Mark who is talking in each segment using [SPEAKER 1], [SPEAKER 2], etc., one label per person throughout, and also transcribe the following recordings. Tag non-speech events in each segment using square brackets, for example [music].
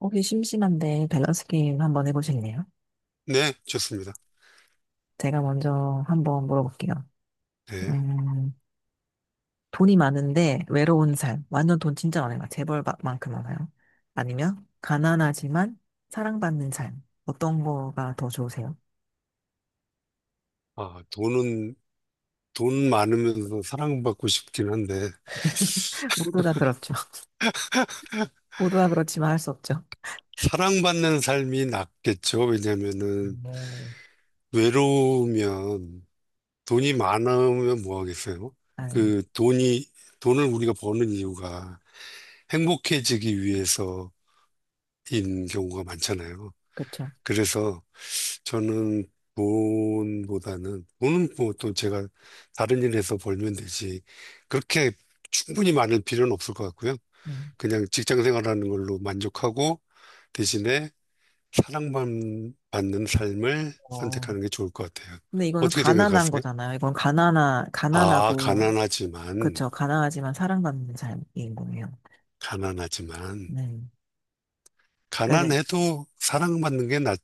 [SPEAKER 1] 혹시 심심한데 밸런스 게임 한번 해보실래요?
[SPEAKER 2] 네, 좋습니다.
[SPEAKER 1] 제가 먼저 한번 물어볼게요.
[SPEAKER 2] 네.
[SPEAKER 1] 음, 돈이 많은데 외로운 삶. 완전 돈 진짜 많아요. 재벌만큼 많아요. 아니면 가난하지만 사랑받는 삶. 어떤 거가 더 좋으세요?
[SPEAKER 2] 아, 돈은, 돈 많으면서 사랑받고 싶긴 한데,
[SPEAKER 1] 모두 다 그렇죠. [laughs] 모두 다 그렇지만 할 수 없죠.
[SPEAKER 2] 사랑받는 삶이 낫겠죠. 왜냐면은,
[SPEAKER 1] 네.
[SPEAKER 2] 외로우면, 돈이 많으면 뭐 하겠어요?
[SPEAKER 1] 아,
[SPEAKER 2] 그 돈이, 돈을 우리가 버는 이유가 행복해지기 위해서인 경우가 많잖아요.
[SPEAKER 1] 그렇죠.
[SPEAKER 2] 그래서 저는 돈보다는, 돈은 뭐 또 제가 다른 일에서 벌면 되지, 그렇게 충분히 많을 필요는 없을 것 같고요.
[SPEAKER 1] 네.
[SPEAKER 2] 그냥 직장 생활하는 걸로 만족하고 대신에 사랑만 받는 삶을
[SPEAKER 1] 어.
[SPEAKER 2] 선택하는 게 좋을 것 같아요.
[SPEAKER 1] 근데 이거는
[SPEAKER 2] 어떻게
[SPEAKER 1] 가난한
[SPEAKER 2] 생각하세요?
[SPEAKER 1] 거잖아요.
[SPEAKER 2] 아,
[SPEAKER 1] 가난하고,
[SPEAKER 2] 가난하지만,
[SPEAKER 1] 그렇죠. 가난하지만 사랑받는 삶인 거예요.
[SPEAKER 2] 가난하지만,
[SPEAKER 1] 네. 그러니까 이제,
[SPEAKER 2] 가난해도 사랑받는 게 나을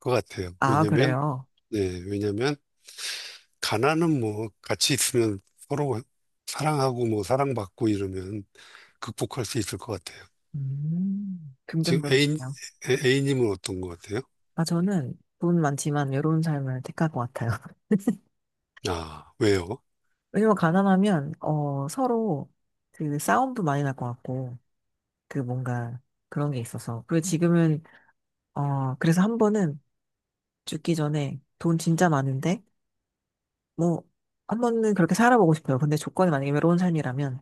[SPEAKER 2] 것 같아요.
[SPEAKER 1] 아,
[SPEAKER 2] 왜냐면,
[SPEAKER 1] 그래요.
[SPEAKER 2] 예, 왜냐면, 가난은 뭐, 같이 있으면 서로 사랑하고 뭐, 사랑받고 이러면 극복할 수 있을 것 같아요. 지금 애인,
[SPEAKER 1] 긍정적이시네요.
[SPEAKER 2] A님은 어떤 것 같아요?
[SPEAKER 1] 아, 저는 돈 많지만 외로운 삶을 택할 것 같아요. [laughs]
[SPEAKER 2] 아, 왜요?
[SPEAKER 1] 왜냐면 가난하면, 서로 그 싸움도 많이 날 것 같고, 그 뭔가 그런 게 있어서. 그리고 지금은, 그래서 한 번은 죽기 전에 돈 진짜 많은데, 뭐, 한 번은 그렇게 살아보고 싶어요. 근데 조건이 만약에 외로운 삶이라면,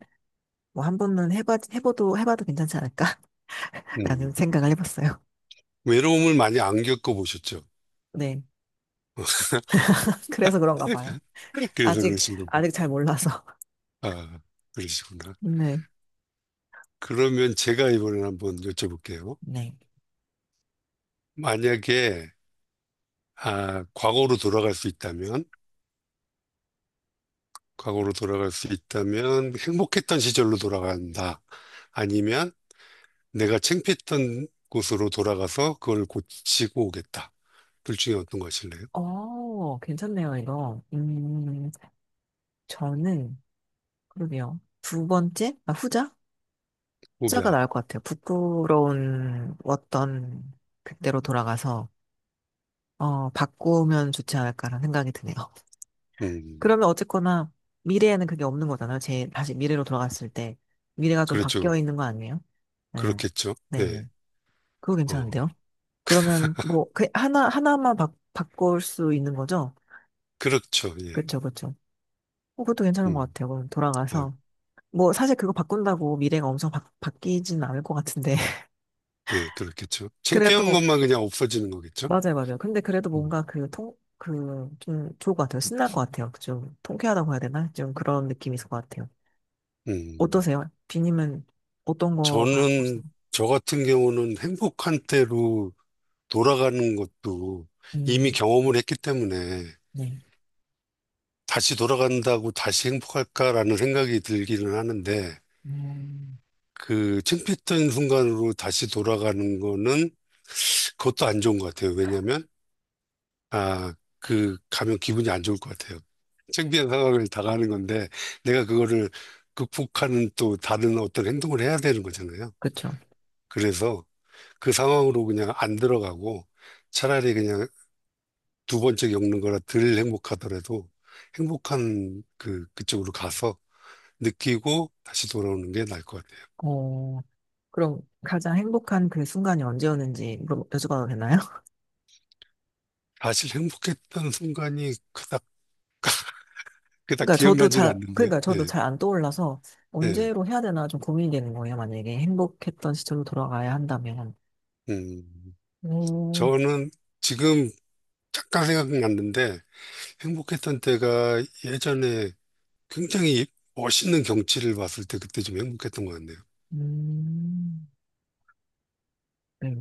[SPEAKER 1] 뭐 한 번은 해봐도 괜찮지 않을까? [laughs] 라는
[SPEAKER 2] 음.
[SPEAKER 1] 생각을 해봤어요.
[SPEAKER 2] 외로움을 많이 안 겪어보셨죠?
[SPEAKER 1] 네.
[SPEAKER 2] [laughs]
[SPEAKER 1] [laughs] 그래서 그런가 봐요.
[SPEAKER 2] 그래서
[SPEAKER 1] 아직,
[SPEAKER 2] 그러신 겁니다.
[SPEAKER 1] 아직 잘 몰라서. [laughs]
[SPEAKER 2] 아, 그러시구나.
[SPEAKER 1] 네.
[SPEAKER 2] 그러면 제가 이번에 한번 여쭤볼게요.
[SPEAKER 1] 네.
[SPEAKER 2] 만약에, 아, 과거로 돌아갈 수 있다면, 과거로 돌아갈 수 있다면, 행복했던 시절로 돌아간다. 아니면, 내가 창피했던 곳으로 돌아가서 그걸 고치고 오겠다. 둘 중에 어떤 것일래요?
[SPEAKER 1] 어, 괜찮네요, 이거. 저는, 그러게요. 두 번째? 아, 후자? 후자가
[SPEAKER 2] 후자.
[SPEAKER 1] 나을 것 같아요. 부끄러운 어떤 그때로 돌아가서, 바꾸면 좋지 않을까라는 생각이 드네요. [laughs]
[SPEAKER 2] 음,
[SPEAKER 1] 그러면 어쨌거나, 미래에는 그게 없는 거잖아요. 제, 다시 미래로 돌아갔을 때. 미래가 좀
[SPEAKER 2] 그렇죠.
[SPEAKER 1] 바뀌어 있는 거 아니에요? 네.
[SPEAKER 2] 그렇겠죠. 예.
[SPEAKER 1] 네네. 그거
[SPEAKER 2] 어,
[SPEAKER 1] 괜찮은데요? 그러면, 뭐, 그, 바꿀 수 있는 거죠?
[SPEAKER 2] 그렇죠. 예.
[SPEAKER 1] 그쵸, 그쵸. 어, 그것도 괜찮은 것
[SPEAKER 2] 음,
[SPEAKER 1] 같아요. 그럼
[SPEAKER 2] 아,
[SPEAKER 1] 돌아가서. 뭐 사실 그거 바꾼다고 미래가 엄청 바뀌진 않을 것 같은데. [laughs]
[SPEAKER 2] 네, 그렇겠죠. 창피한
[SPEAKER 1] 그래도
[SPEAKER 2] 것만 그냥 없어지는 거겠죠.
[SPEAKER 1] 맞아요, 맞아요. 근데 그래도
[SPEAKER 2] 음,
[SPEAKER 1] 뭔가 그 통 그 좀 좋을 것 같아요. 신날 것 같아요. 좀 통쾌하다고 해야 되나, 좀 그런 느낌이 있을 것 같아요.
[SPEAKER 2] 음.
[SPEAKER 1] 어떠세요, 비님은? 어떤 거가 좋으세요?
[SPEAKER 2] 저는, 저 같은 경우는 행복한 때로 돌아가는 것도 이미
[SPEAKER 1] 음네.
[SPEAKER 2] 경험을 했기 때문에 다시 돌아간다고 다시 행복할까라는 생각이 들기는 하는데
[SPEAKER 1] 음,
[SPEAKER 2] 그 창피했던 순간으로 다시 돌아가는 거는 그것도 안 좋은 것 같아요. 왜냐면 아, 그, 가면 기분이 안 좋을 것 같아요. 창피한 상황을 당하는 건데, 내가 그거를 극복하는 또 다른 어떤 행동을 해야 되는 거잖아요.
[SPEAKER 1] 그렇죠.
[SPEAKER 2] 그래서 그 상황으로 그냥 안 들어가고, 차라리 그냥 두 번째 겪는 거라 덜 행복하더라도, 행복한 그, 그쪽으로 가서 느끼고 다시 돌아오는 게 나을 것 같아요.
[SPEAKER 1] 어, 그럼 가장 행복한 그 순간이 언제였는지 물어 여쭤봐도 되나요? [laughs]
[SPEAKER 2] 사실 행복했던 순간이 그닥 기억나질 않는데요.
[SPEAKER 1] 그러니까 저도
[SPEAKER 2] 예,
[SPEAKER 1] 잘 안 떠올라서
[SPEAKER 2] 예.
[SPEAKER 1] 언제로 해야 되나 좀 고민이 되는 거예요, 만약에 행복했던 시절로 돌아가야 한다면.
[SPEAKER 2] 음,
[SPEAKER 1] 오,
[SPEAKER 2] 저는 지금 잠깐 생각났는데, 행복했던 때가 예전에 굉장히 멋있는 경치를 봤을 때 그때 좀 행복했던 것 같네요.
[SPEAKER 1] 음, 네.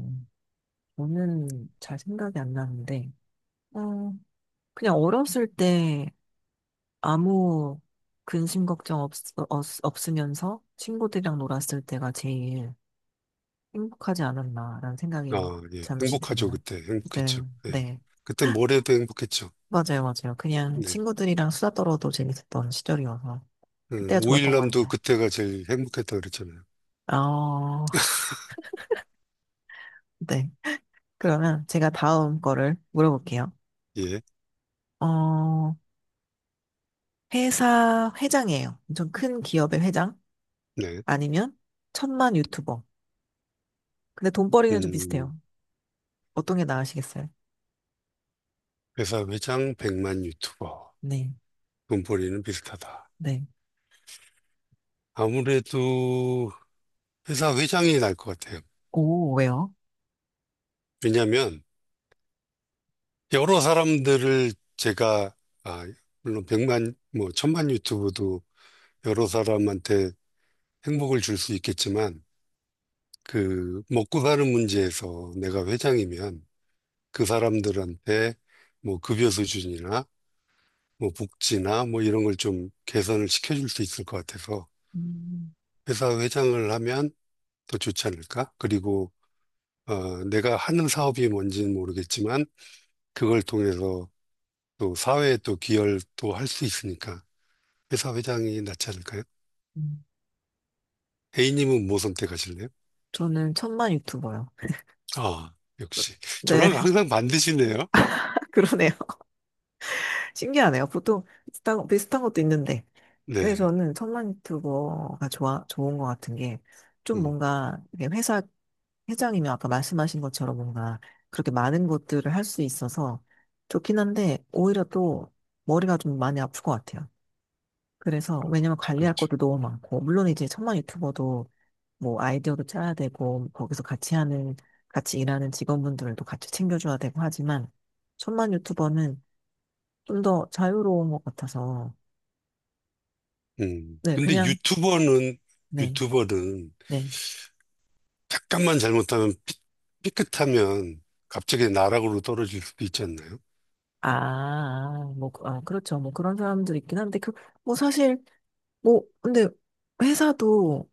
[SPEAKER 1] 저는 잘 생각이 안 나는데, 어, 그냥 어렸을 때 아무 근심 걱정 없, 없, 없으면서 친구들이랑 놀았을 때가 제일 행복하지 않았나라는
[SPEAKER 2] 아,
[SPEAKER 1] 생각이
[SPEAKER 2] 예.
[SPEAKER 1] 잠시
[SPEAKER 2] 행복하죠,
[SPEAKER 1] 드네요.
[SPEAKER 2] 그때.
[SPEAKER 1] 네,
[SPEAKER 2] 행복했죠. 예.
[SPEAKER 1] 네.
[SPEAKER 2] 그때 모레도 행복했죠.
[SPEAKER 1] 맞아요, 맞아요. 그냥
[SPEAKER 2] 네.
[SPEAKER 1] 친구들이랑 수다 떨어도 재밌었던 시절이어서 그때가 좋았던 것
[SPEAKER 2] 오일남도
[SPEAKER 1] 같네요.
[SPEAKER 2] 그때가 제일 행복했다 그랬잖아요.
[SPEAKER 1] 어, 네. 그러면 제가 다음 거를 물어볼게요.
[SPEAKER 2] 예.
[SPEAKER 1] 어, 회사 회장이에요. 엄청 큰 기업의 회장?
[SPEAKER 2] 네.
[SPEAKER 1] 아니면 천만 유튜버. 근데 돈벌이는 좀
[SPEAKER 2] 음,
[SPEAKER 1] 비슷해요. 어떤 게 나으시겠어요?
[SPEAKER 2] 회사 회장 100만 유튜버.
[SPEAKER 1] 네,
[SPEAKER 2] 돈벌이는 비슷하다.
[SPEAKER 1] 네.
[SPEAKER 2] 아무래도 회사 회장이 날 것 같아요.
[SPEAKER 1] 오, 왜요?
[SPEAKER 2] 왜냐면 하 여러 사람들을 제가, 아, 물론 100만, 뭐, 1000만 유튜브도 여러 사람한테 행복을 줄 수 있겠지만 그 먹고 사는 문제에서 내가 회장이면 그 사람들한테 뭐 급여 수준이나 뭐 복지나 뭐 이런 걸 좀 개선을 시켜줄 수 있을 것 같아서
[SPEAKER 1] 음,
[SPEAKER 2] 회사 회장을 하면 더 좋지 않을까? 그리고 어, 내가 하는 사업이 뭔지는 모르겠지만 그걸 통해서 또 사회에 또 기여를 또 할 수 있으니까 회사 회장이 낫지 않을까요?
[SPEAKER 1] 음.
[SPEAKER 2] A님은 뭐 선택하실래요?
[SPEAKER 1] 저는 천만 유튜버요.
[SPEAKER 2] 아, 역시.
[SPEAKER 1] 네,
[SPEAKER 2] 저랑 항상 반드시네요.
[SPEAKER 1] [laughs] 그러네요. [laughs] 신기하네요. 보통 비슷한 것도 있는데. 근데
[SPEAKER 2] 네.
[SPEAKER 1] 저는 천만 유튜버가 좋은 것 같은 게, 좀
[SPEAKER 2] 음,
[SPEAKER 1] 뭔가, 이게 회사, 회장이면 아까 말씀하신 것처럼 뭔가, 그렇게 많은 것들을 할 수 있어서 좋긴 한데, 오히려 또 머리가 좀 많이 아플 것 같아요. 그래서,
[SPEAKER 2] 아,
[SPEAKER 1] 왜냐면 관리할
[SPEAKER 2] 그렇죠.
[SPEAKER 1] 것도 너무 많고, 물론 이제 천만 유튜버도 뭐 아이디어도 짜야 되고, 같이 일하는 직원분들도 같이 챙겨줘야 되고 하지만, 천만 유튜버는 좀 더 자유로운 것 같아서,
[SPEAKER 2] 음.
[SPEAKER 1] 네,
[SPEAKER 2] 근데
[SPEAKER 1] 그냥,
[SPEAKER 2] 유튜버는,
[SPEAKER 1] 네,
[SPEAKER 2] 유튜버는
[SPEAKER 1] 네.
[SPEAKER 2] 잠깐만 잘못하면, 삐끗하면 갑자기 나락으로 떨어질 수도 있지 않나요?
[SPEAKER 1] 아, 뭐, 아, 그렇죠. 뭐 그런 사람들 있긴 한데, 그, 뭐 사실, 뭐, 근데 회사도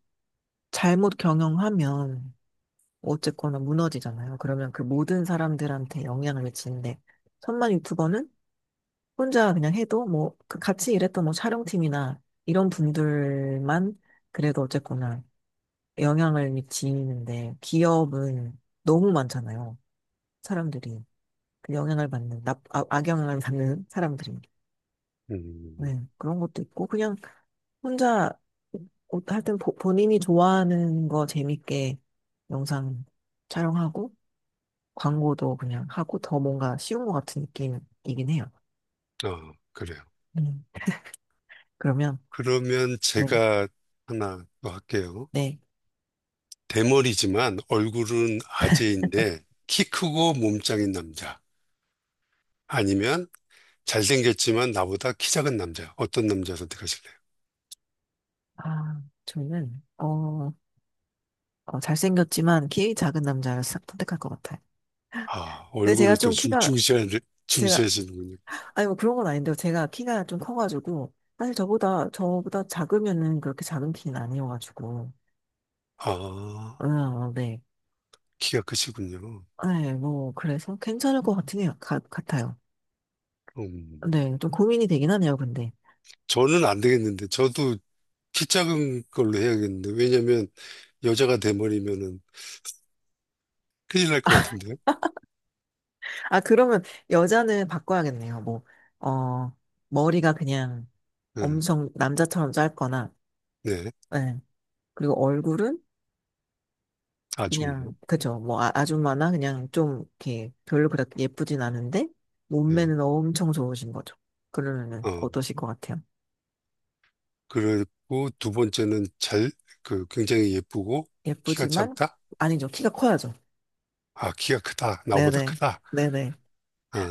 [SPEAKER 1] 잘못 경영하면 어쨌거나 무너지잖아요. 그러면 그 모든 사람들한테 영향을 미치는데, 천만 유튜버는 혼자 그냥 해도 뭐, 그 같이 일했던 뭐 촬영팀이나 이런 분들만 그래도 어쨌거나 영향을 미치는데, 기업은 너무 많잖아요. 사람들이. 그 영향을 받는, 악영향을 받는 사람들이.
[SPEAKER 2] 음,
[SPEAKER 1] 네, 그런 것도 있고, 그냥 혼자 옷 하여튼 본인이 좋아하는 거 재밌게 영상 촬영하고 광고도 그냥 하고 더 뭔가 쉬운 것 같은 느낌이긴 해요.
[SPEAKER 2] 아, 그래요.
[SPEAKER 1] 음, 그러면
[SPEAKER 2] 그러면
[SPEAKER 1] 네,
[SPEAKER 2] 제가 하나 더 할게요.
[SPEAKER 1] 네.
[SPEAKER 2] 대머리지만 얼굴은 아재인데 키 크고 몸짱인 남자. 아니면 잘생겼지만 나보다 키 작은 남자. 어떤 남자 선택하실래요?
[SPEAKER 1] 아, 저는 잘생겼지만 키 작은 남자를 싹 선택할 것 같아요.
[SPEAKER 2] 아,
[SPEAKER 1] 근데 제가
[SPEAKER 2] 얼굴을 또
[SPEAKER 1] 좀 키가 제가
[SPEAKER 2] 중시하시는군요.
[SPEAKER 1] 아니 뭐 그런 건 아닌데요. 제가 키가 좀 커가지고 사실 저보다 작으면은 그렇게 작은 키는 아니어가지고
[SPEAKER 2] 아,
[SPEAKER 1] 네.
[SPEAKER 2] 키가 크시군요.
[SPEAKER 1] 네, 뭐, 그래서 괜찮을 것같네요. 같아요.
[SPEAKER 2] 음,
[SPEAKER 1] 네, 좀 고민이 되긴 하네요, 근데.
[SPEAKER 2] 저는 안 되겠는데, 저도 키 작은 걸로 해야겠는데, 왜냐면 여자가 돼버리면은 큰일 날 것 같은데요.
[SPEAKER 1] 아, 그러면 여자는 바꿔야겠네요. 뭐, 어, 머리가 그냥
[SPEAKER 2] 네,
[SPEAKER 1] 엄청 남자처럼 짧거나,
[SPEAKER 2] 네,
[SPEAKER 1] 네. 그리고 얼굴은
[SPEAKER 2] 아줌마.
[SPEAKER 1] 그냥, 그죠. 뭐, 아, 아줌마나 그냥 좀, 이렇게 별로 그렇게 예쁘진 않은데,
[SPEAKER 2] 네,
[SPEAKER 1] 몸매는 엄청 좋으신 거죠. 그러면은
[SPEAKER 2] 어,
[SPEAKER 1] 어떠실 것 같아요?
[SPEAKER 2] 그리고 두 번째는 잘, 그, 굉장히 예쁘고, 키가
[SPEAKER 1] 예쁘지만,
[SPEAKER 2] 작다?
[SPEAKER 1] 아니죠. 키가 커야죠.
[SPEAKER 2] 아, 키가 크다. 나보다
[SPEAKER 1] 네네.
[SPEAKER 2] 크다.
[SPEAKER 1] 네네.
[SPEAKER 2] 아,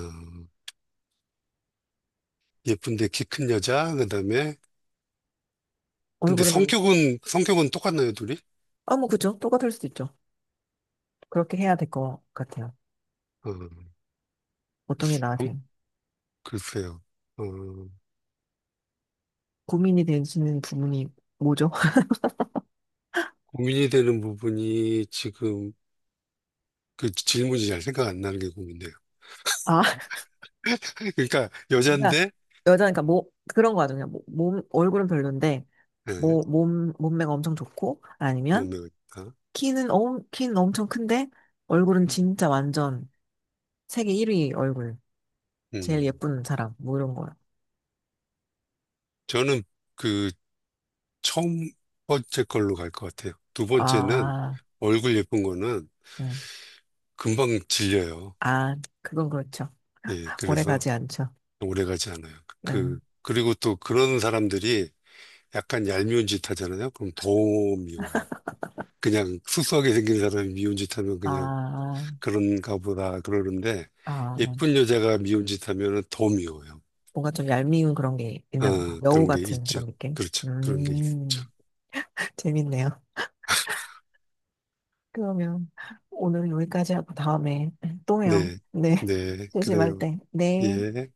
[SPEAKER 2] 예쁜데 키 큰 여자, 그 다음에, 근데
[SPEAKER 1] 얼굴은 안,
[SPEAKER 2] 성격은, 성격은 똑같나요, 둘이?
[SPEAKER 1] 아, 뭐, 그죠. 똑같을 수도 있죠. 그렇게 해야 될 것 같아요.
[SPEAKER 2] 어,
[SPEAKER 1] 어떤 게
[SPEAKER 2] 한-
[SPEAKER 1] 나한테
[SPEAKER 2] 글쎄요. 어,
[SPEAKER 1] 고민이 되시는 부분이 뭐죠?
[SPEAKER 2] 고민이 되는 부분이 지금 그 질문이 잘 생각 안 나는 게 고민돼요.
[SPEAKER 1] [laughs] 아,
[SPEAKER 2] [laughs] 그러니까
[SPEAKER 1] 그러니까
[SPEAKER 2] 여잔데
[SPEAKER 1] 여자니까 뭐 그런 거 같아요. 뭐, 몸 얼굴은 별론데
[SPEAKER 2] 예,
[SPEAKER 1] 뭐 몸 몸매가 엄청 좋고, 아니면
[SPEAKER 2] 몸매가 있다.
[SPEAKER 1] 키는 엄청 큰데 얼굴은 진짜 완전 세계 1위 얼굴 제일
[SPEAKER 2] 음,
[SPEAKER 1] 예쁜 사람 뭐 이런 거요.
[SPEAKER 2] 저는 그 처음 번째 걸로 갈 것 같아요. 두 번째는
[SPEAKER 1] 아,
[SPEAKER 2] 얼굴 예쁜 거는
[SPEAKER 1] 네.
[SPEAKER 2] 금방 질려요.
[SPEAKER 1] 아, 그건 그렇죠.
[SPEAKER 2] 예,
[SPEAKER 1] 오래
[SPEAKER 2] 그래서
[SPEAKER 1] 가지 않죠.
[SPEAKER 2] 오래 가지 않아요.
[SPEAKER 1] 네.
[SPEAKER 2] 그리고 또 그런 사람들이 약간 얄미운 짓 하잖아요. 그럼 더 미워요. 그냥 수수하게 생긴 사람이 미운 짓 하면 그냥
[SPEAKER 1] 아,
[SPEAKER 2] 그런가 보다 그러는데
[SPEAKER 1] 아.
[SPEAKER 2] 예쁜 여자가 미운 짓 하면은 더 미워요.
[SPEAKER 1] 뭔가 좀 얄미운 그런 게 있나 봐요.
[SPEAKER 2] 아,
[SPEAKER 1] 여우
[SPEAKER 2] 그런 게
[SPEAKER 1] 같은
[SPEAKER 2] 있죠.
[SPEAKER 1] 그런 느낌?
[SPEAKER 2] 그렇죠. 그런 게 있죠.
[SPEAKER 1] [laughs] 재밌네요. 그러면 오늘은 여기까지 하고 다음에 또 해요.
[SPEAKER 2] 네.
[SPEAKER 1] 네,
[SPEAKER 2] 네.
[SPEAKER 1] [laughs] 조심할
[SPEAKER 2] 그래요.
[SPEAKER 1] 때. 네.
[SPEAKER 2] 예.